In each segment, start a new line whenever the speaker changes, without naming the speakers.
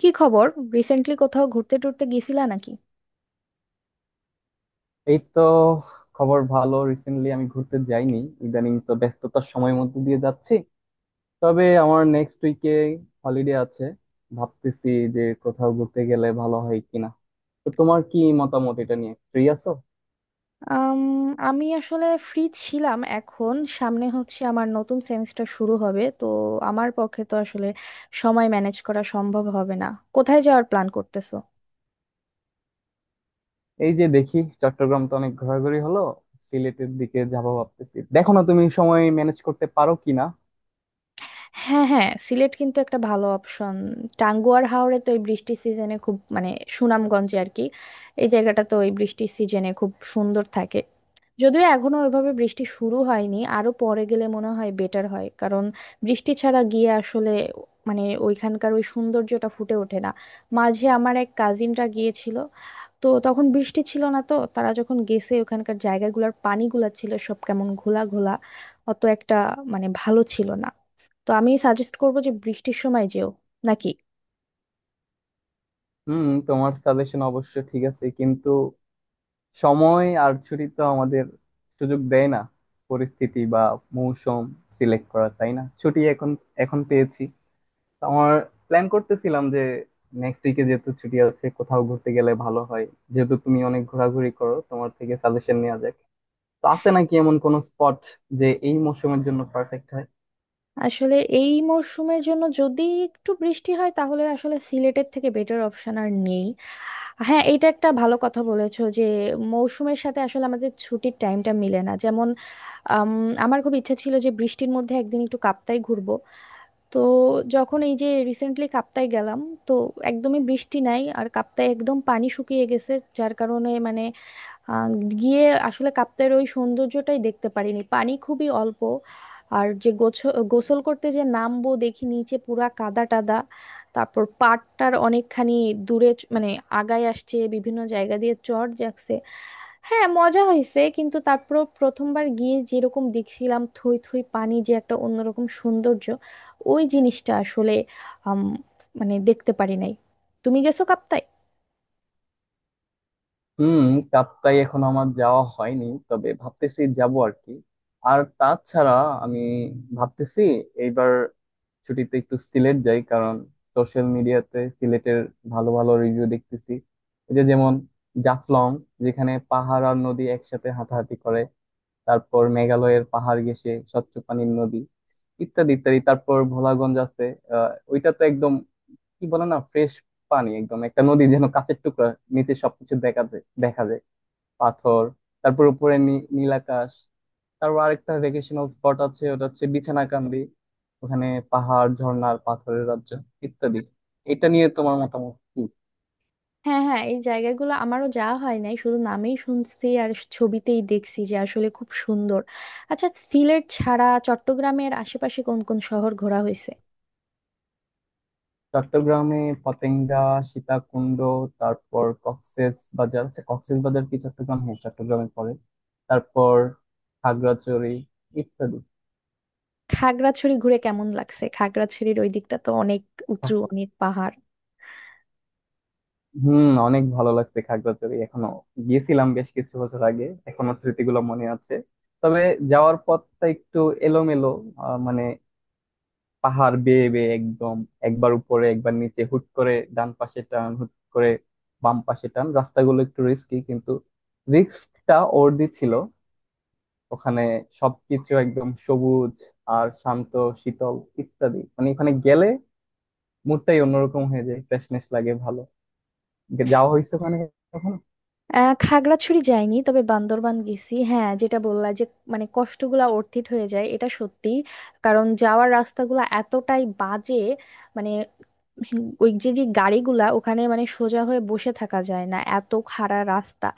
কি খবর? রিসেন্টলি কোথাও ঘুরতে টুরতে গেছিলা নাকি?
এই তো। খবর ভালো, রিসেন্টলি আমি ঘুরতে যাইনি। ইদানিং তো ব্যস্ততার সময়ের মধ্যে দিয়ে যাচ্ছি। তবে আমার নেক্সট উইকে হলিডে আছে। ভাবতেছি যে কোথাও ঘুরতে গেলে ভালো হয় কিনা। তো তোমার কি মতামত, এটা নিয়ে ফ্রি আছো?
আম, আমি আসলে ফ্রি ছিলাম, এখন সামনে হচ্ছে আমার নতুন সেমিস্টার শুরু হবে, তো আমার পক্ষে তো আসলে সময় ম্যানেজ করা সম্ভব হবে না। কোথায় যাওয়ার প্ল্যান করতেছো?
এই যে দেখি চট্টগ্রাম তো অনেক ঘোরাঘুরি হলো, সিলেটের দিকে যাবো ভাবতেছি, দেখো না তুমি সময় ম্যানেজ করতে পারো কিনা।
হ্যাঁ হ্যাঁ, সিলেট কিন্তু একটা ভালো অপশন। টাঙ্গুয়ার হাওরে তো এই বৃষ্টির সিজনে খুব, মানে সুনামগঞ্জে আর কি, এই জায়গাটা তো এই বৃষ্টির সিজনে খুব সুন্দর থাকে। যদিও এখনো ওইভাবে বৃষ্টি শুরু হয়নি, আরো পরে গেলে মনে হয় বেটার হয়, কারণ বৃষ্টি ছাড়া গিয়ে আসলে মানে ওইখানকার ওই সৌন্দর্যটা ফুটে ওঠে না। মাঝে আমার এক কাজিনরা গিয়েছিল, তো তখন বৃষ্টি ছিল না, তো তারা যখন গেছে ওখানকার জায়গাগুলোর পানিগুলা ছিল সব কেমন ঘোলা ঘোলা, অত একটা মানে ভালো ছিল না। তো আমি সাজেস্ট করবো যে বৃষ্টির সময় যেও, নাকি?
হুম, তোমার সাজেশন অবশ্য ঠিক আছে, কিন্তু সময় আর ছুটি তো আমাদের সুযোগ দেয় না পরিস্থিতি বা মৌসুম সিলেক্ট করা, তাই না? ছুটি এখন এখন পেয়েছি, তো আমার প্ল্যান করতেছিলাম যে নেক্সট উইকে যেহেতু ছুটি আছে কোথাও ঘুরতে গেলে ভালো হয়। যেহেতু তুমি অনেক ঘোরাঘুরি করো, তোমার থেকে সাজেশন নেওয়া যাক। তো আছে নাকি এমন কোনো স্পট যে এই মৌসুমের জন্য পারফেক্ট হয়?
আসলে এই মরশুমের জন্য যদি একটু বৃষ্টি হয় তাহলে আসলে সিলেটের থেকে বেটার অপশন আর নেই। হ্যাঁ, এটা একটা ভালো কথা বলেছো যে মৌসুমের সাথে আসলে আমাদের ছুটির টাইমটা মিলে না। যেমন আম, আমার খুব ইচ্ছা ছিল যে বৃষ্টির মধ্যে একদিন একটু কাপ্তাই ঘুরবো। তো যখন এই যে রিসেন্টলি কাপ্তাই গেলাম, তো একদমই বৃষ্টি নাই আর কাপ্তাই একদম পানি শুকিয়ে গেছে। যার কারণে মানে আহ, গিয়ে আসলে কাপ্তাইয়ের ওই সৌন্দর্যটাই দেখতে পারিনি, পানি খুবই অল্প। আর যে গোসল করতে যে নামবো দেখি নিচে পুরা কাদা টাদা, তারপর পাড়টার অনেকখানি দূরে মানে আগায় আসছে, বিভিন্ন জায়গা দিয়ে চড় যাচ্ছে। হ্যাঁ, মজা হয়েছে, কিন্তু তারপর প্রথমবার গিয়ে যেরকম দেখছিলাম থই থই পানি, যে একটা অন্যরকম সৌন্দর্য, ওই জিনিসটা আসলে আম, মানে দেখতে পারি নাই। তুমি গেছো কাপ্তাই?
হুম। কাপ্তাই এখন আমার যাওয়া হয়নি, তবে ভাবতেছি যাব আর কি। আর তাছাড়া আমি ভাবতেছি এইবার ছুটিতে একটু সিলেট যাই, কারণ সোশ্যাল মিডিয়াতে সিলেটের ভালো ভালো রিভিউ দেখতেছি। এই যে যেমন জাফলং, যেখানে পাহাড় আর নদী একসাথে হাতাহাতি করে, তারপর মেঘালয়ের পাহাড় ঘেঁষে স্বচ্ছ পানির নদী, ইত্যাদি ইত্যাদি। তারপর ভোলাগঞ্জ আছে, আহ ওইটা তো একদম কি বলে না, ফ্রেশ পানি, একদম একটা নদী যেন কাচের টুকরা, নিচে সবকিছু দেখা যায় দেখা যায় পাথর, তারপর উপরে নীল আকাশ। তারপর আরেকটা ভেকেশনাল স্পট আছে, ওটা হচ্ছে বিছানাকান্দি। ওখানে পাহাড় ঝর্ণার পাথরের রাজ্য ইত্যাদি। এটা নিয়ে তোমার মতামত কি?
হ্যাঁ হ্যাঁ, এই জায়গাগুলো আমারও যাওয়া হয় নাই, শুধু নামেই শুনছি আর ছবিতেই দেখছি যে আসলে খুব সুন্দর। আচ্ছা, সিলেট ছাড়া চট্টগ্রামের আশেপাশে কোন কোন শহর ঘোরা হয়েছে?
চট্টগ্রামে পতেঙ্গা, সীতাকুণ্ড, তারপর কক্সেস বাজার। আচ্ছা কক্সেস বাজার কি চট্টগ্রাম? হ্যাঁ, চট্টগ্রামে পড়ে। তারপর খাগড়াছড়ি ইত্যাদি।
খাগড়াছড়ি ঘুরে কেমন লাগছে? খাগড়াছড়ির ওই দিকটা তো অনেক উঁচু, অনেক পাহাড়।
হুম, অনেক ভালো লাগছে খাগড়াছড়ি। এখনো গিয়েছিলাম বেশ কিছু বছর আগে, এখনো স্মৃতিগুলো মনে আছে। তবে যাওয়ার পথটা একটু এলোমেলো, মানে পাহাড় বেয়ে বেয়ে একদম একবার উপরে একবার নিচে, হুট করে ডান পাশে টান, হুট করে বাম পাশে টান, রাস্তাগুলো একটু রিস্কি, কিন্তু রিস্কটা ওর্দি ছিল। ওখানে সবকিছু একদম সবুজ আর শান্ত, শীতল ইত্যাদি। মানে ওখানে গেলে মুডটাই অন্যরকম হয়ে যায়, ফ্রেশনেস লাগে ভালো। যাওয়া হয়েছে ওখানে কখনো?
আহ, খাগড়াছড়ি যাইনি, তবে বান্দরবান গেছি। হ্যাঁ, যেটা বললা যে মানে কষ্টগুলা অর্থিত হয়ে যায়, এটা সত্যি। কারণ যাওয়ার রাস্তাগুলা এতটাই বাজে, মানে ওই যে যে গাড়িগুলা ওখানে, মানে সোজা হয়ে বসে থাকা যায় না, এত খাড়া রাস্তা।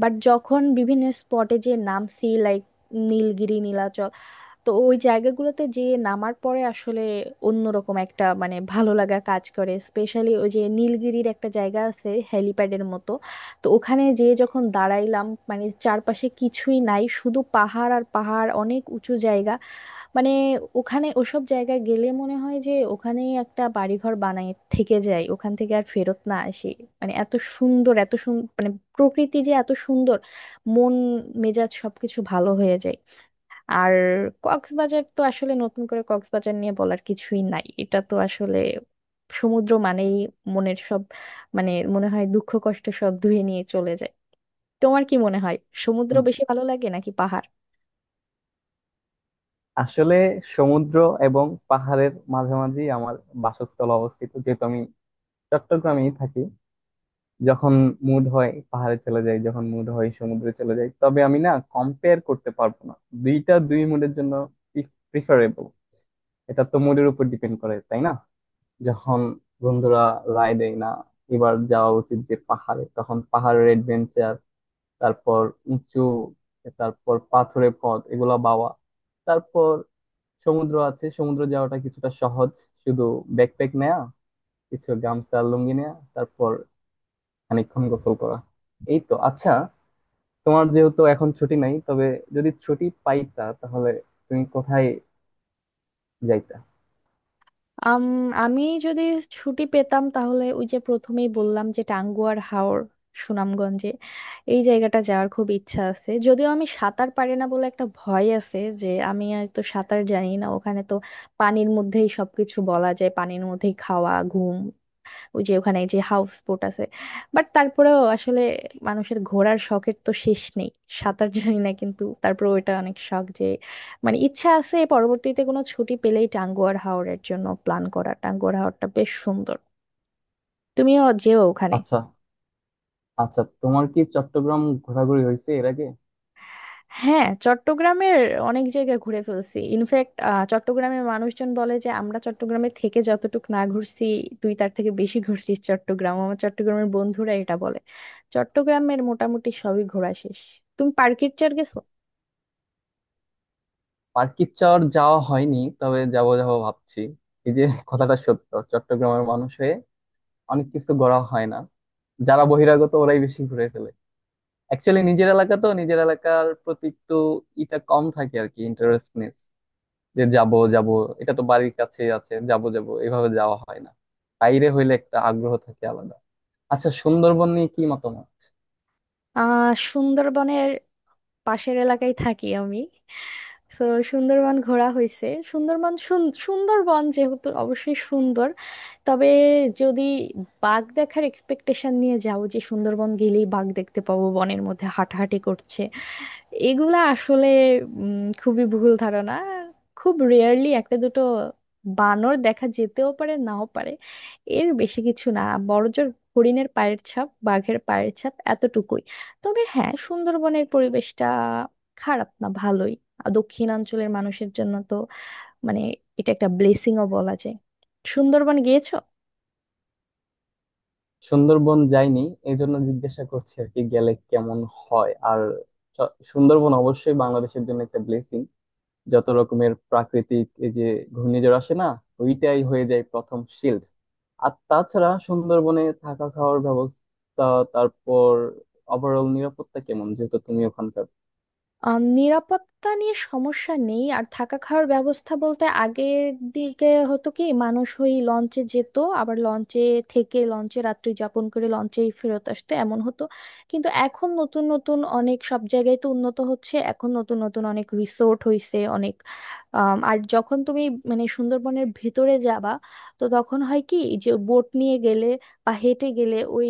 বাট যখন বিভিন্ন স্পটে যে নামছি, লাইক নীলগিরি, নীলাচল, তো ওই জায়গাগুলোতে যে নামার পরে আসলে অন্যরকম একটা মানে ভালো লাগা কাজ করে। স্পেশালি ওই যে নীলগিরির একটা জায়গা আছে হেলিপ্যাডের মতো, তো ওখানে যে যখন দাঁড়াইলাম, মানে চারপাশে কিছুই নাই, শুধু পাহাড় আর পাহাড়, অনেক উঁচু জায়গা। মানে ওখানে ওসব জায়গায় গেলে মনে হয় যে ওখানেই একটা বাড়িঘর বানায় থেকে যায়, ওখান থেকে আর ফেরত না আসি। মানে এত সুন্দর, এত সুন্দর, মানে প্রকৃতি যে এত সুন্দর, মন মেজাজ সবকিছু ভালো হয়ে যায়। আর কক্সবাজার তো আসলে নতুন করে কক্সবাজার নিয়ে বলার কিছুই নাই, এটা তো আসলে সমুদ্র মানেই মনের সব, মানে মনে হয় দুঃখ কষ্ট সব ধুয়ে নিয়ে চলে যায়। তোমার কি মনে হয়, সমুদ্র বেশি ভালো লাগে নাকি পাহাড়?
আসলে সমুদ্র এবং পাহাড়ের মাঝামাঝি আমার বাসস্থল অবস্থিত, যেহেতু আমি চট্টগ্রামেই থাকি। যখন মুড হয় পাহাড়ে চলে যাই, যখন মুড হয় সমুদ্রে চলে যাই। তবে আমি না কম্পেয়ার করতে পারবো না, দুইটা দুই মুডের জন্য প্রিফারেবল। এটা তো মুডের উপর ডিপেন্ড করে, তাই না? যখন বন্ধুরা রায় দেয় না এবার যাওয়া উচিত যে পাহাড়ে, তখন পাহাড়ের অ্যাডভেঞ্চার, তারপর উঁচু, তারপর পাথুরে পথ এগুলা বাওয়া। তারপর সমুদ্র আছে, সমুদ্র যাওয়াটা কিছুটা সহজ, শুধু ব্যাকপ্যাক নেয়া, কিছু গামছা লুঙ্গি নেয়া, তারপর খানিকক্ষণ গোসল করা, এই তো। আচ্ছা, তোমার যেহেতু এখন ছুটি নাই, তবে যদি ছুটি পাইতা তাহলে তুমি কোথায় যাইতা?
আম, আমি যদি ছুটি পেতাম তাহলে ওই যে প্রথমেই বললাম যে টাঙ্গুয়ার হাওর, সুনামগঞ্জে এই জায়গাটা যাওয়ার খুব ইচ্ছা আছে। যদিও আমি সাঁতার পারি না বলে একটা ভয় আছে, যে আমি আর তো সাঁতার জানি না, ওখানে তো পানির মধ্যেই সবকিছু বলা যায়, পানির মধ্যেই খাওয়া ঘুম, ওই যে ওখানে যে হাউস বোট আছে। বাট তারপরেও আসলে মানুষের ঘোরার শখের তো শেষ নেই। সাঁতার জানি না কিন্তু তারপরে ওইটা অনেক শখ যে, মানে ইচ্ছা আছে পরবর্তীতে কোনো ছুটি পেলেই টাঙ্গুয়ার হাওরের জন্য প্ল্যান করা। টাঙ্গুয়ার হাওরটা বেশ সুন্দর, তুমিও যেও ওখানে।
আচ্ছা। আচ্ছা তোমার কি চট্টগ্রাম ঘোরাঘুরি হয়েছে এর আগে?
হ্যাঁ, চট্টগ্রামের অনেক জায়গায় ঘুরে ফেলছি ইনফ্যাক্ট। চট্টগ্রামের মানুষজন বলে যে আমরা চট্টগ্রামে থেকে যতটুকু না ঘুরছি, তুই তার থেকে বেশি ঘুরছিস চট্টগ্রাম, আমার চট্টগ্রামের বন্ধুরা এটা বলে। চট্টগ্রামের মোটামুটি সবই ঘোরা শেষ। তুমি পার্কির চার গেছো?
পার্কিচর যাওয়া হয়নি, তবে যাব যাব ভাবছি। এই যে কথাটা সত্য, চট্টগ্রামের মানুষ হয়ে অনেক কিছু ঘোরা হয় না, যারা বহিরাগত ওরাই বেশি ঘুরে ফেলে। অ্যাকচুয়ালি নিজের এলাকা তো, নিজের এলাকার প্রতি একটু ইটা কম থাকে আর কি, ইন্টারেস্টনেস, যে যাব যাব এটা তো বাড়ির কাছেই আছে, যাব যাব এভাবে যাওয়া হয় না। বাইরে হইলে একটা আগ্রহ থাকে আলাদা। আচ্ছা সুন্দরবন নিয়ে কি মতামত?
আহ, সুন্দরবনের পাশের এলাকায় থাকি আমি, তো সুন্দরবন ঘোরা হয়েছে। সুন্দরবন যেহেতু অবশ্যই সুন্দর। তবে যদি বাঘ দেখার এক্সপেকটেশন নিয়ে যাও যে সুন্দরবন গেলেই বাঘ দেখতে পাবো বনের মধ্যে হাঁটাহাঁটি করছে, এগুলা আসলে খুবই ভুল ধারণা। খুব রেয়ারলি একটা দুটো বানর দেখা যেতেও পারে, নাও পারে, এর বেশি কিছু না। বড়জোর হরিণের পায়ের ছাপ, বাঘের পায়ের ছাপ, এতটুকুই। তবে হ্যাঁ, সুন্দরবনের পরিবেশটা খারাপ না, ভালোই। আর দক্ষিণাঞ্চলের মানুষের জন্য তো মানে এটা একটা ব্লেসিংও বলা যায়। সুন্দরবন গিয়েছো?
সুন্দরবন যাইনি, এই জন্য জিজ্ঞাসা করছি আর কি, গেলে কেমন হয়? আর সুন্দরবন অবশ্যই বাংলাদেশের জন্য একটা ব্লেসিং। যত রকমের প্রাকৃতিক এই যে ঘূর্ণিঝড় আসে না, ওইটাই হয়ে যায় প্রথম শিল্ড। আর তাছাড়া সুন্দরবনে থাকা খাওয়ার ব্যবস্থা, তারপর ওভারঅল নিরাপত্তা কেমন, যেহেতু তুমি ওখানকার।
আহ, নিরাপত্তা নিয়ে সমস্যা নেই। আর থাকা খাওয়ার ব্যবস্থা বলতে আগের দিকে হতো কি, মানুষ ওই লঞ্চে যেত, আবার লঞ্চে থেকে লঞ্চে রাত্রি যাপন করে লঞ্চেই ফেরত আসতো, এমন হতো। কিন্তু এখন নতুন নতুন অনেক সব জায়গায় তো উন্নত হচ্ছে, এখন নতুন নতুন অনেক রিসোর্ট হইছে অনেক। আর যখন তুমি মানে সুন্দরবনের ভিতরে যাবা, তো তখন হয় কি, যে বোট নিয়ে গেলে বা হেঁটে গেলে ওই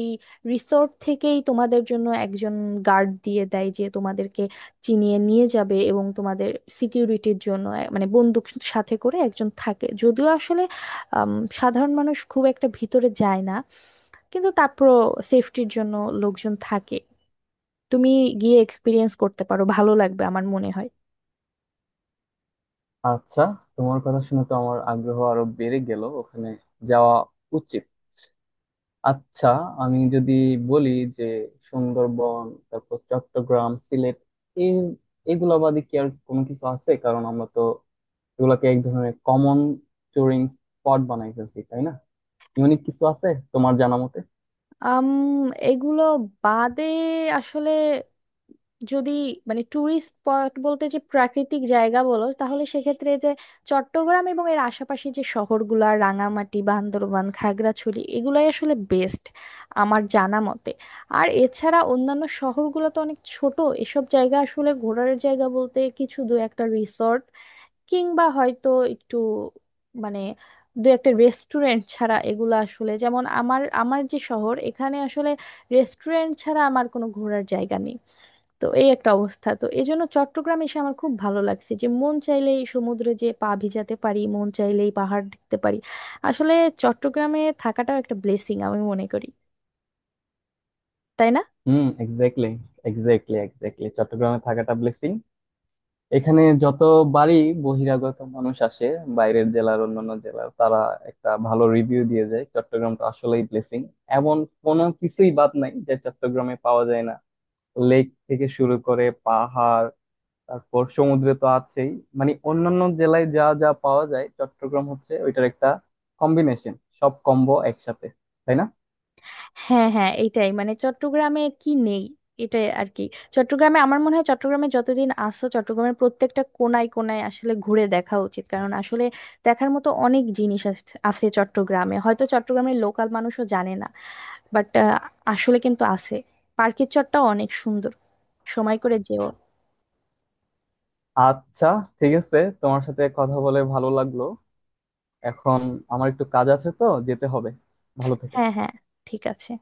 রিসোর্ট থেকেই তোমাদের জন্য একজন গার্ড দিয়ে দেয় যে তোমাদেরকে চিনিয়ে নিয়ে যাবে, এবং তোমাদের সিকিউরিটির জন্য মানে বন্দুক সাথে করে একজন থাকে। যদিও আসলে আম, সাধারণ মানুষ খুব একটা ভিতরে যায় না, কিন্তু তারপরও সেফটির জন্য লোকজন থাকে। তুমি গিয়ে এক্সপিরিয়েন্স করতে পারো, ভালো লাগবে আমার মনে হয়।
আচ্ছা তোমার কথা শুনে তো আমার আগ্রহ আরো বেড়ে গেল, ওখানে যাওয়া উচিত। আচ্ছা আমি যদি বলি যে সুন্দরবন, তারপর চট্টগ্রাম, সিলেট, এই এগুলা বাদে কি আর কোনো কিছু আছে? কারণ আমরা তো এগুলোকে এক ধরনের কমন টুরিং স্পট বানাই ফেলছি, তাই না? ইউনিক কিছু আছে তোমার জানা মতে?
আম এগুলো বাদে আসলে যদি মানে ট্যুরিস্ট স্পট বলতে যে প্রাকৃতিক জায়গা বলো, তাহলে সেক্ষেত্রে যে চট্টগ্রাম এবং এর আশেপাশে যে শহরগুলা, রাঙামাটি, বান্দরবান, খাগড়াছড়ি, এগুলাই আসলে বেস্ট আমার জানা মতে। আর এছাড়া অন্যান্য শহরগুলো তো অনেক ছোট, এসব জায়গা আসলে ঘোরার জায়গা বলতে কিছু দু একটা রিসর্ট কিংবা হয়তো একটু মানে দু একটা রেস্টুরেন্ট ছাড়া, এগুলো আসলে যেমন আমার আমার যে শহর, এখানে আসলে রেস্টুরেন্ট ছাড়া আমার কোনো ঘোরার জায়গা নেই। তো এই একটা অবস্থা, তো এই জন্য চট্টগ্রাম এসে আমার খুব ভালো লাগছে যে মন চাইলেই সমুদ্রে যে পা ভিজাতে পারি, মন চাইলেই পাহাড় দেখতে পারি। আসলে চট্টগ্রামে থাকাটাও একটা ব্লেসিং আমি মনে করি, তাই না?
হুম, এক্স্যাক্টলি, এক্স্যাক্টলি, এক্স্যাক্টলি। চট্টগ্রামে থাকাটা ব্লেসিং। এখানে যত বাড়ি বহিরাগত মানুষ আসে, বাইরের জেলার, অন্যান্য জেলার, তারা একটা ভালো রিভিউ দিয়ে যায়, চট্টগ্রামটা আসলেই ব্লেসিং। এমন কোনো কিছুই বাদ নাই যে চট্টগ্রামে পাওয়া যায় না। লেক থেকে শুরু করে পাহাড়, তারপর সমুদ্রে তো আছেই, মানে অন্যান্য জেলায় যা যা পাওয়া যায় চট্টগ্রাম হচ্ছে ওইটার একটা কম্বিনেশন, সব কম্বো একসাথে, তাই না?
হ্যাঁ হ্যাঁ, এইটাই, মানে চট্টগ্রামে কি নেই, এটাই আর কি। চট্টগ্রামে আমার মনে হয় চট্টগ্রামে যতদিন আসছো চট্টগ্রামের প্রত্যেকটা কোনায় কোনায় আসলে ঘুরে দেখা উচিত, কারণ আসলে দেখার মতো অনেক জিনিস আছে আছে চট্টগ্রামে, হয়তো চট্টগ্রামের লোকাল মানুষও জানে না, বাট আসলে কিন্তু আছে। পার্কের চটটা অনেক সুন্দর, সময় করে যেও।
আচ্ছা, ঠিক আছে, তোমার সাথে কথা বলে ভালো লাগলো। এখন আমার একটু কাজ আছে তো যেতে হবে। ভালো থেকো।
হ্যাঁ হ্যাঁ, ঠিক আছে।